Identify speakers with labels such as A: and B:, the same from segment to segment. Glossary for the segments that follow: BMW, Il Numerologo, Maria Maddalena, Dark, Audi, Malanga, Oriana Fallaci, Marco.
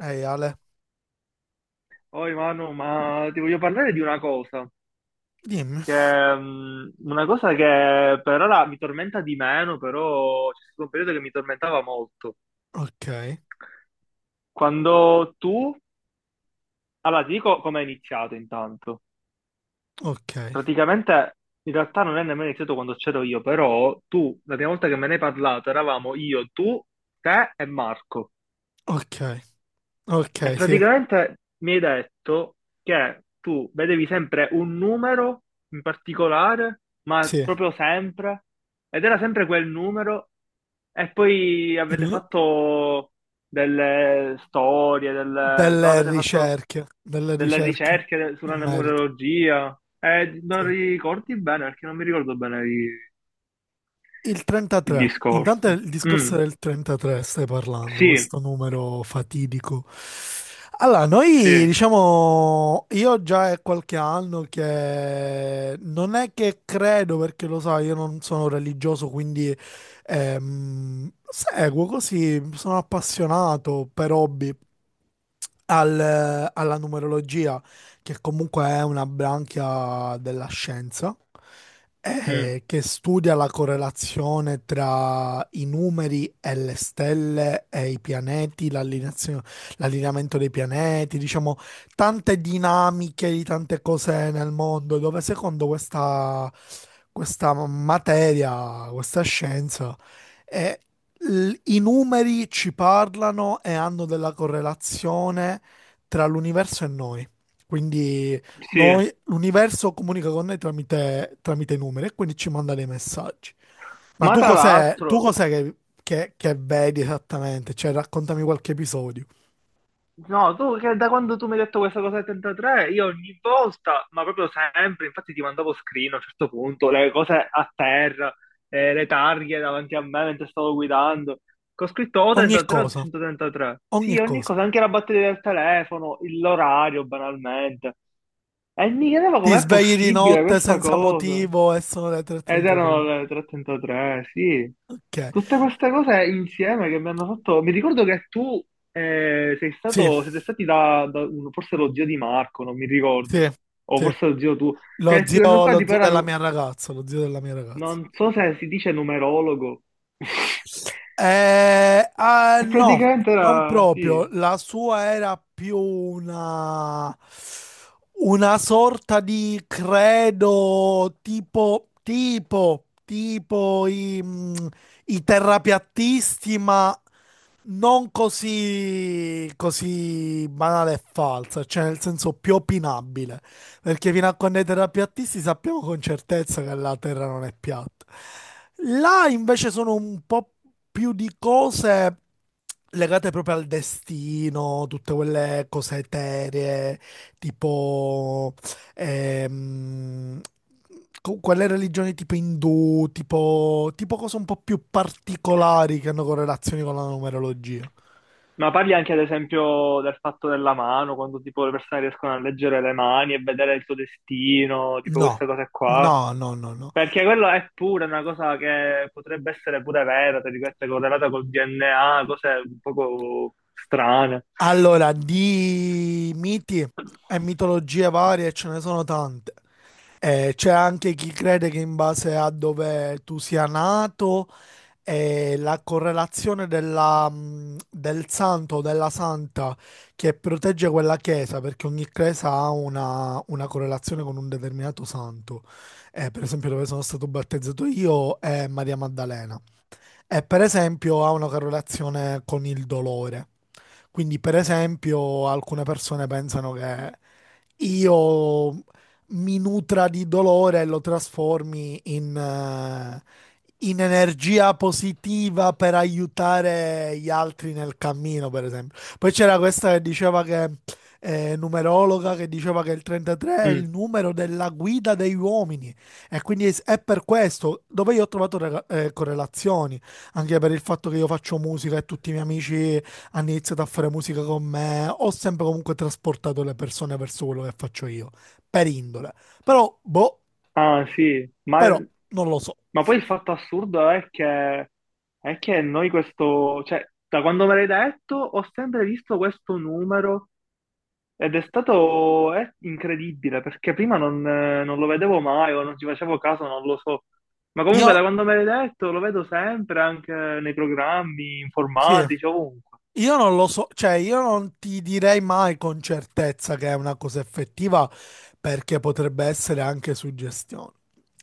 A: Ehi Ale,
B: Oi Manu, ma ti voglio parlare di una cosa
A: dimmi.
B: che, è una cosa che per ora mi tormenta di meno, però c'è stato un periodo che mi tormentava molto.
A: Ok,
B: Quando tu, allora ti dico come è iniziato intanto.
A: ok,
B: Praticamente in realtà non è nemmeno iniziato quando c'ero io, però tu, la prima volta che me ne hai parlato, eravamo io, tu, te e Marco.
A: ok,
B: E
A: ok, sì,
B: praticamente mi hai detto che tu vedevi sempre un numero in particolare, ma
A: sì.
B: proprio sempre, ed era sempre quel numero, e poi avete
A: Il-
B: fatto delle storie, delle, no, avete fatto
A: Delle
B: delle
A: ricerche
B: ricerche sulla
A: in merito.
B: numerologia, e non
A: Sì.
B: ricordi bene, perché non mi ricordo bene
A: Il
B: il,
A: 33. Intanto
B: discorso.
A: il
B: Mm,
A: discorso del 33 stai parlando,
B: sì,
A: questo numero fatidico. Allora, noi
B: sì,
A: diciamo, io già è qualche anno che non è che credo, perché lo sai, io non sono religioso, quindi seguo così, sono appassionato per hobby alla numerologia che comunque è una branchia della scienza,
B: mm,
A: che studia la correlazione tra i numeri e le stelle e i pianeti, l'allineamento dei pianeti, diciamo, tante dinamiche di tante cose nel mondo, dove secondo questa materia, questa scienza, eh, i numeri ci parlano e hanno della correlazione tra l'universo e noi. Quindi
B: sì.
A: noi, l'universo comunica con noi tramite i numeri e quindi ci manda dei messaggi. Ma
B: Ma
A: tu
B: tra
A: cos'è, tu
B: l'altro...
A: cos'è che vedi esattamente? Cioè, raccontami qualche episodio.
B: No, tu che da quando tu mi hai detto questa cosa del 33, io ogni volta, ma proprio sempre, infatti ti mandavo screen a un certo punto, le cose a terra, le targhe davanti a me mentre stavo guidando, che ho scritto o
A: Ogni
B: 33 o
A: cosa,
B: 133. Sì,
A: ogni
B: ogni
A: cosa.
B: cosa, anche la batteria del telefono, l'orario banalmente. E mi chiedevo
A: Ti
B: com'è
A: svegli di
B: possibile
A: notte
B: questa
A: senza
B: cosa.
A: motivo e sono le
B: Ed erano
A: 3.33.
B: le 3:33, sì.
A: Ok,
B: Tutte queste cose insieme che mi hanno fatto... Mi ricordo che tu sei
A: sì,
B: stato, siete stati da, da forse lo zio di Marco, non mi ricordo,
A: sì,
B: o
A: sì.
B: forse lo zio tu, che questo qua
A: Lo
B: tipo
A: zio
B: era,
A: della mia ragazza, lo zio della mia ragazza.
B: non so se si dice numerologo,
A: Ah,
B: e
A: no,
B: praticamente
A: non
B: era, sì.
A: proprio. La sua era più una sorta di credo tipo i terrapiattisti, ma non così banale e falsa, cioè nel senso più opinabile. Perché fino a quando i terrapiattisti sappiamo con certezza che la Terra non è piatta. Là invece sono un po' più di cose legate proprio al destino, tutte quelle cose eteree, tipo ehm, quelle religioni tipo indù, tipo cose un po' più particolari che hanno correlazioni con la numerologia.
B: Ma parli anche ad esempio del fatto della mano, quando tipo le persone riescono a leggere le mani e vedere il tuo destino, tipo
A: No,
B: queste cose qua.
A: no, no, no, no.
B: Perché quello è pure una cosa che potrebbe essere pure vera, tra virgolette, correlata col DNA, cose un poco strane.
A: Allora, di miti e mitologie varie ce ne sono tante. C'è anche chi crede che in base a dove tu sia nato, la correlazione del santo o della santa che protegge quella chiesa, perché ogni chiesa ha una correlazione con un determinato santo. Per esempio, dove sono stato battezzato io è Maria Maddalena. E per esempio ha una correlazione con il dolore. Quindi, per esempio, alcune persone pensano che io mi nutra di dolore e lo trasformi in energia positiva per aiutare gli altri nel cammino, per esempio. Poi c'era questa numerologa, che diceva che il 33 è
B: Mm.
A: il numero della guida degli uomini e quindi è per questo dove io ho trovato correlazioni, anche per il fatto che io faccio musica e tutti i miei amici hanno iniziato a fare musica con me, ho sempre comunque trasportato le persone verso quello che faccio io, per indole. Però, boh,
B: Ah, sì,
A: però non lo so.
B: ma poi il fatto assurdo è che noi questo, cioè, da quando me l'hai detto, ho sempre visto questo numero ed è stato, è incredibile, perché prima non, non lo vedevo mai o non ci facevo caso, non lo so. Ma comunque
A: Io,
B: da quando me l'hai detto lo vedo sempre anche nei programmi
A: sì,
B: informatici, ovunque.
A: io non lo so, cioè io non ti direi mai con certezza che è una cosa effettiva perché potrebbe essere anche suggestione.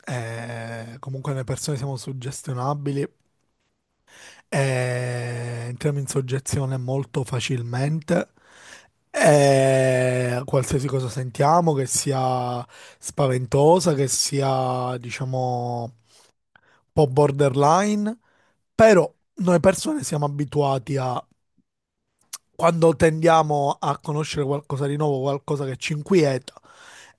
A: Comunque le persone siamo suggestionabili. E entriamo in soggezione molto facilmente. E qualsiasi cosa sentiamo, che sia spaventosa, che sia, diciamo, un po' borderline, però noi persone siamo abituati a, quando tendiamo a conoscere qualcosa di nuovo, qualcosa che ci inquieta,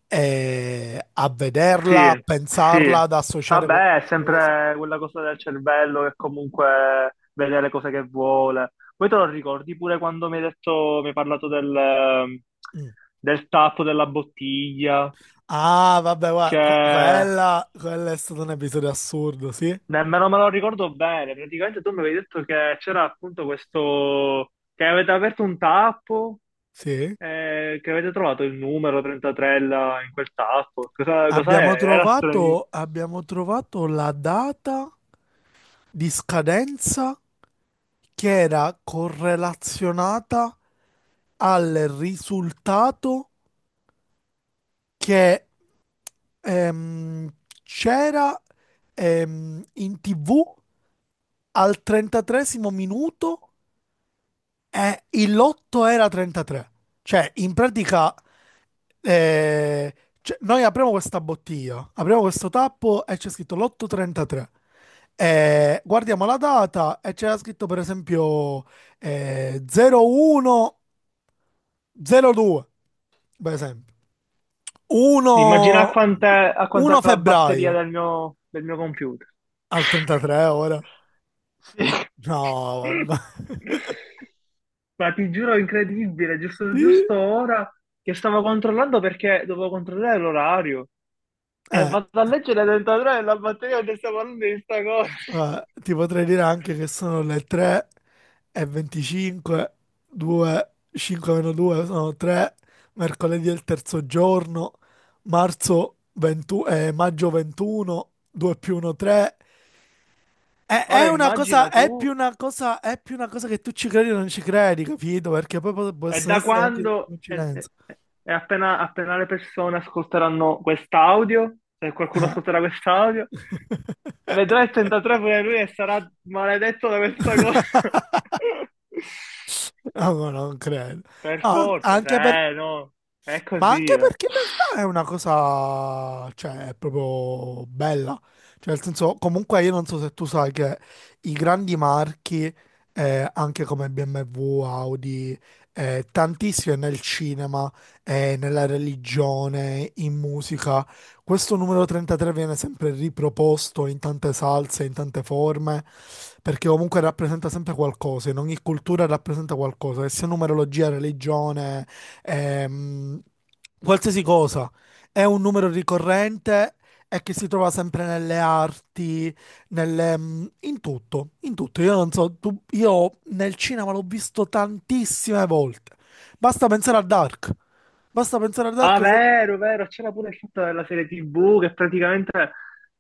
A: a vederla, a
B: Sì,
A: pensarla,
B: sì.
A: ad associare
B: Vabbè, è
A: qualcosa.
B: sempre quella cosa del cervello che comunque vede le cose che vuole. Poi te lo ricordi pure quando mi hai detto, mi hai parlato del,
A: Mm.
B: del tappo della bottiglia,
A: Ah, vabbè,
B: che
A: guarda, quello è stato un episodio assurdo, sì?
B: nemmeno me lo ricordo bene. Praticamente tu mi avevi detto che c'era appunto questo, che avete aperto un tappo,
A: Sì.
B: che avete trovato il numero 33 là in quel tappo. Cosa, cos'è?
A: Abbiamo
B: Era stranissimo.
A: trovato, abbiamo trovato la data di scadenza che era correlazionata al risultato che ehm, c'era in TV al 33 minuto, il lotto era 33. Cioè, in pratica, eh, cioè, noi apriamo questa bottiglia, apriamo questo tappo e c'è scritto lotto 33. Guardiamo la data e c'era scritto, per esempio, 01 02, per esempio.
B: Immagina
A: 1,
B: quant'è, a quant'è
A: 1
B: la batteria
A: febbraio
B: del mio computer.
A: al 33 ora.
B: Sì.
A: No, vabbè.
B: Ma ti giuro, è incredibile, giusto,
A: Sì.
B: giusto ora che stavo controllando perché dovevo controllare l'orario e
A: Eh,
B: vado a leggere dentro della batteria che stiamo parlando di sta cosa.
A: Guarda, ti potrei dire anche che sono le 3 e 25, 2, 5 meno 2 sono 3, mercoledì è il terzo giorno, maggio 21, 2 più 1 3. È,
B: Ora
A: è una
B: immagina
A: cosa,
B: tu.
A: è più una cosa, è più una cosa che tu ci credi o non ci credi, capito? Perché poi
B: E
A: possono
B: da
A: essere anche tutte
B: quando,
A: coincidenze.
B: e appena, appena le persone ascolteranno quest'audio, se qualcuno
A: Eh.
B: ascolterà quest'audio, vedrà il 33 pure lui e sarà maledetto da questa cosa.
A: No, no, non credo.
B: Per
A: No,
B: forza,
A: anche per-
B: cioè, no, è
A: Ma
B: così,
A: anche
B: eh.
A: perché in realtà è una cosa, cioè, è proprio bella. Cioè, nel senso, comunque io non so se tu sai che i grandi marchi, anche come BMW, Audi, tantissime nel cinema, nella religione, in musica, questo numero 33 viene sempre riproposto in tante salse, in tante forme, perché comunque rappresenta sempre qualcosa, in ogni cultura rappresenta qualcosa, che sia numerologia, religione ehm, qualsiasi cosa. È un numero ricorrente e che si trova sempre nelle arti, in tutto, in tutto. Io non so, io nel cinema l'ho visto tantissime volte. Basta pensare a Dark. Basta pensare a
B: Ah,
A: Dark.
B: vero, vero, c'era pure il fatto della serie TV che praticamente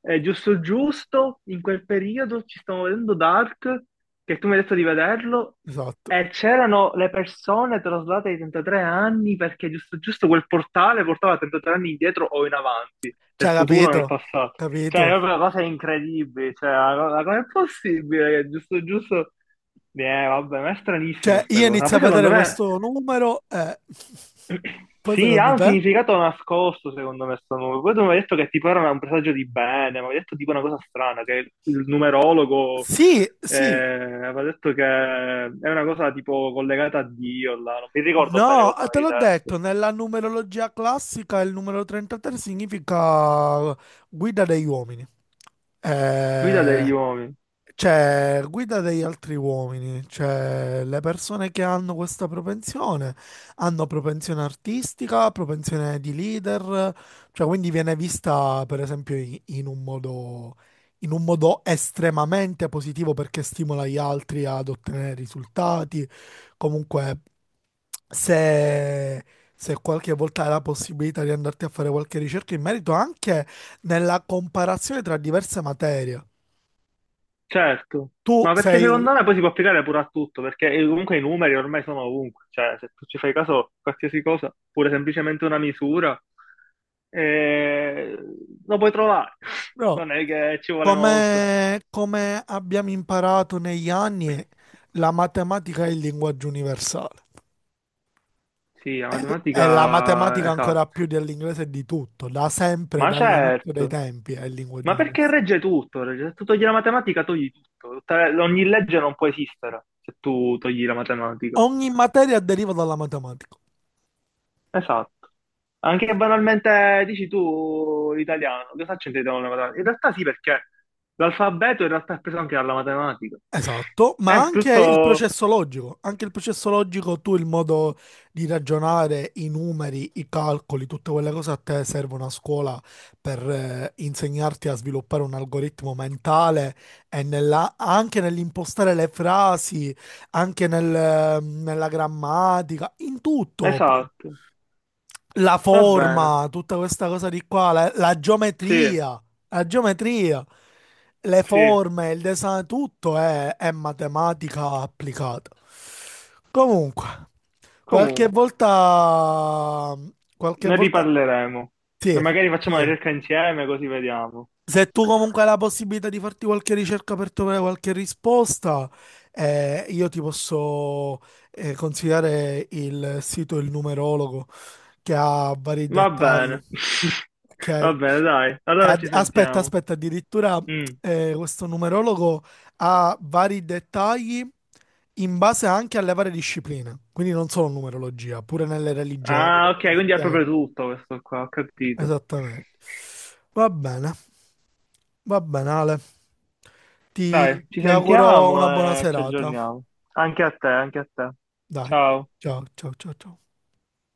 B: è giusto giusto, in quel periodo ci stiamo vedendo Dark, che tu mi hai detto di vederlo,
A: Esatto.
B: e c'erano le persone traslate ai 33 anni perché giusto giusto quel portale portava 33 anni indietro o in avanti, nel
A: Cioè,
B: futuro o nel
A: capito?
B: passato. Cioè, è
A: Capito?
B: proprio una cosa incredibile, cioè, come è possibile che giusto giusto... vabbè, ma è stranissima
A: Cioè,
B: sta
A: io
B: cosa, ma
A: inizio
B: poi
A: a vedere
B: secondo me...
A: questo numero e poi
B: Sì,
A: secondo
B: ha un
A: te?
B: significato nascosto, secondo me, sto numero. Poi tu mi hai detto che tipo era un presagio di bene, mi hai detto tipo una cosa strana, che il numerologo
A: Sì,
B: eh,
A: sì.
B: aveva detto che è una cosa tipo collegata a Dio, là. Non mi ricordo bene
A: No,
B: cosa
A: te
B: mi hai
A: l'ho detto,
B: detto.
A: nella numerologia classica il numero 33 significa guida degli uomini.
B: Guida
A: Eh,
B: degli uomini.
A: cioè guida degli altri uomini, cioè le persone che hanno questa propensione hanno propensione artistica, propensione di leader, cioè quindi viene vista per esempio in un modo, in un modo estremamente positivo perché stimola gli altri ad ottenere risultati. Comunque se, se qualche volta hai la possibilità di andarti a fare qualche ricerca in merito anche nella comparazione tra diverse materie.
B: Certo,
A: Tu
B: ma perché
A: sei,
B: secondo me poi si può applicare pure a tutto, perché comunque i numeri ormai sono ovunque, cioè se tu ci fai caso, qualsiasi cosa, pure semplicemente una misura, eh, lo puoi trovare,
A: no,
B: non è che ci vuole molto.
A: come abbiamo imparato negli anni, la matematica è il linguaggio universale.
B: Sì, la
A: È, è la
B: matematica,
A: matematica
B: esatto,
A: ancora più dell'inglese e di tutto, da sempre,
B: ma
A: dall'inizio dei
B: certo,
A: tempi, è il linguaggio
B: ma perché
A: universale.
B: regge tutto? Se tu togli la matematica, togli tutto. Ogni legge non può esistere se tu togli la matematica.
A: Ogni materia deriva dalla matematica.
B: Esatto. Anche banalmente dici tu l'italiano, cosa c'entriamo con la matematica? In realtà sì, perché l'alfabeto in realtà è preso anche dalla matematica.
A: Esatto, ma
B: È
A: anche il
B: tutto
A: processo logico, anche il processo logico, tu il modo di ragionare, i numeri, i calcoli, tutte quelle cose a te serve una scuola per insegnarti a sviluppare un algoritmo mentale e anche nell'impostare le frasi, anche nella grammatica, in tutto
B: esatto.
A: la
B: Va bene.
A: forma, tutta questa cosa di qua, la
B: Sì,
A: geometria, la geometria, le
B: sì.
A: forme, il design, tutto è matematica applicata. Comunque, qualche
B: Comunque,
A: volta, qualche
B: ne
A: volta,
B: riparleremo. E
A: sì,
B: magari facciamo una
A: sì,
B: ricerca insieme così vediamo.
A: se tu comunque hai la possibilità di farti qualche ricerca per trovare qualche risposta, io ti posso consigliare il sito Il Numerologo che ha vari
B: Va bene.
A: dettagli. Ok?
B: Va
A: E
B: bene, dai. Allora ci
A: aspetta,
B: sentiamo.
A: aspetta, addirittura
B: Mm.
A: questo numerologo ha vari dettagli in base anche alle varie discipline, quindi non solo numerologia, pure nelle religioni,
B: Ah, ok,
A: proprio ti
B: quindi è
A: spiega
B: proprio tutto questo qua, ho capito.
A: esattamente. Va bene. Va bene, Ale.
B: Dai,
A: Ti,
B: ci
A: ti auguro una
B: sentiamo
A: buona
B: e ci
A: serata.
B: aggiorniamo. Anche a te, anche a te.
A: Dai,
B: Ciao.
A: ciao, ciao, ciao, ciao.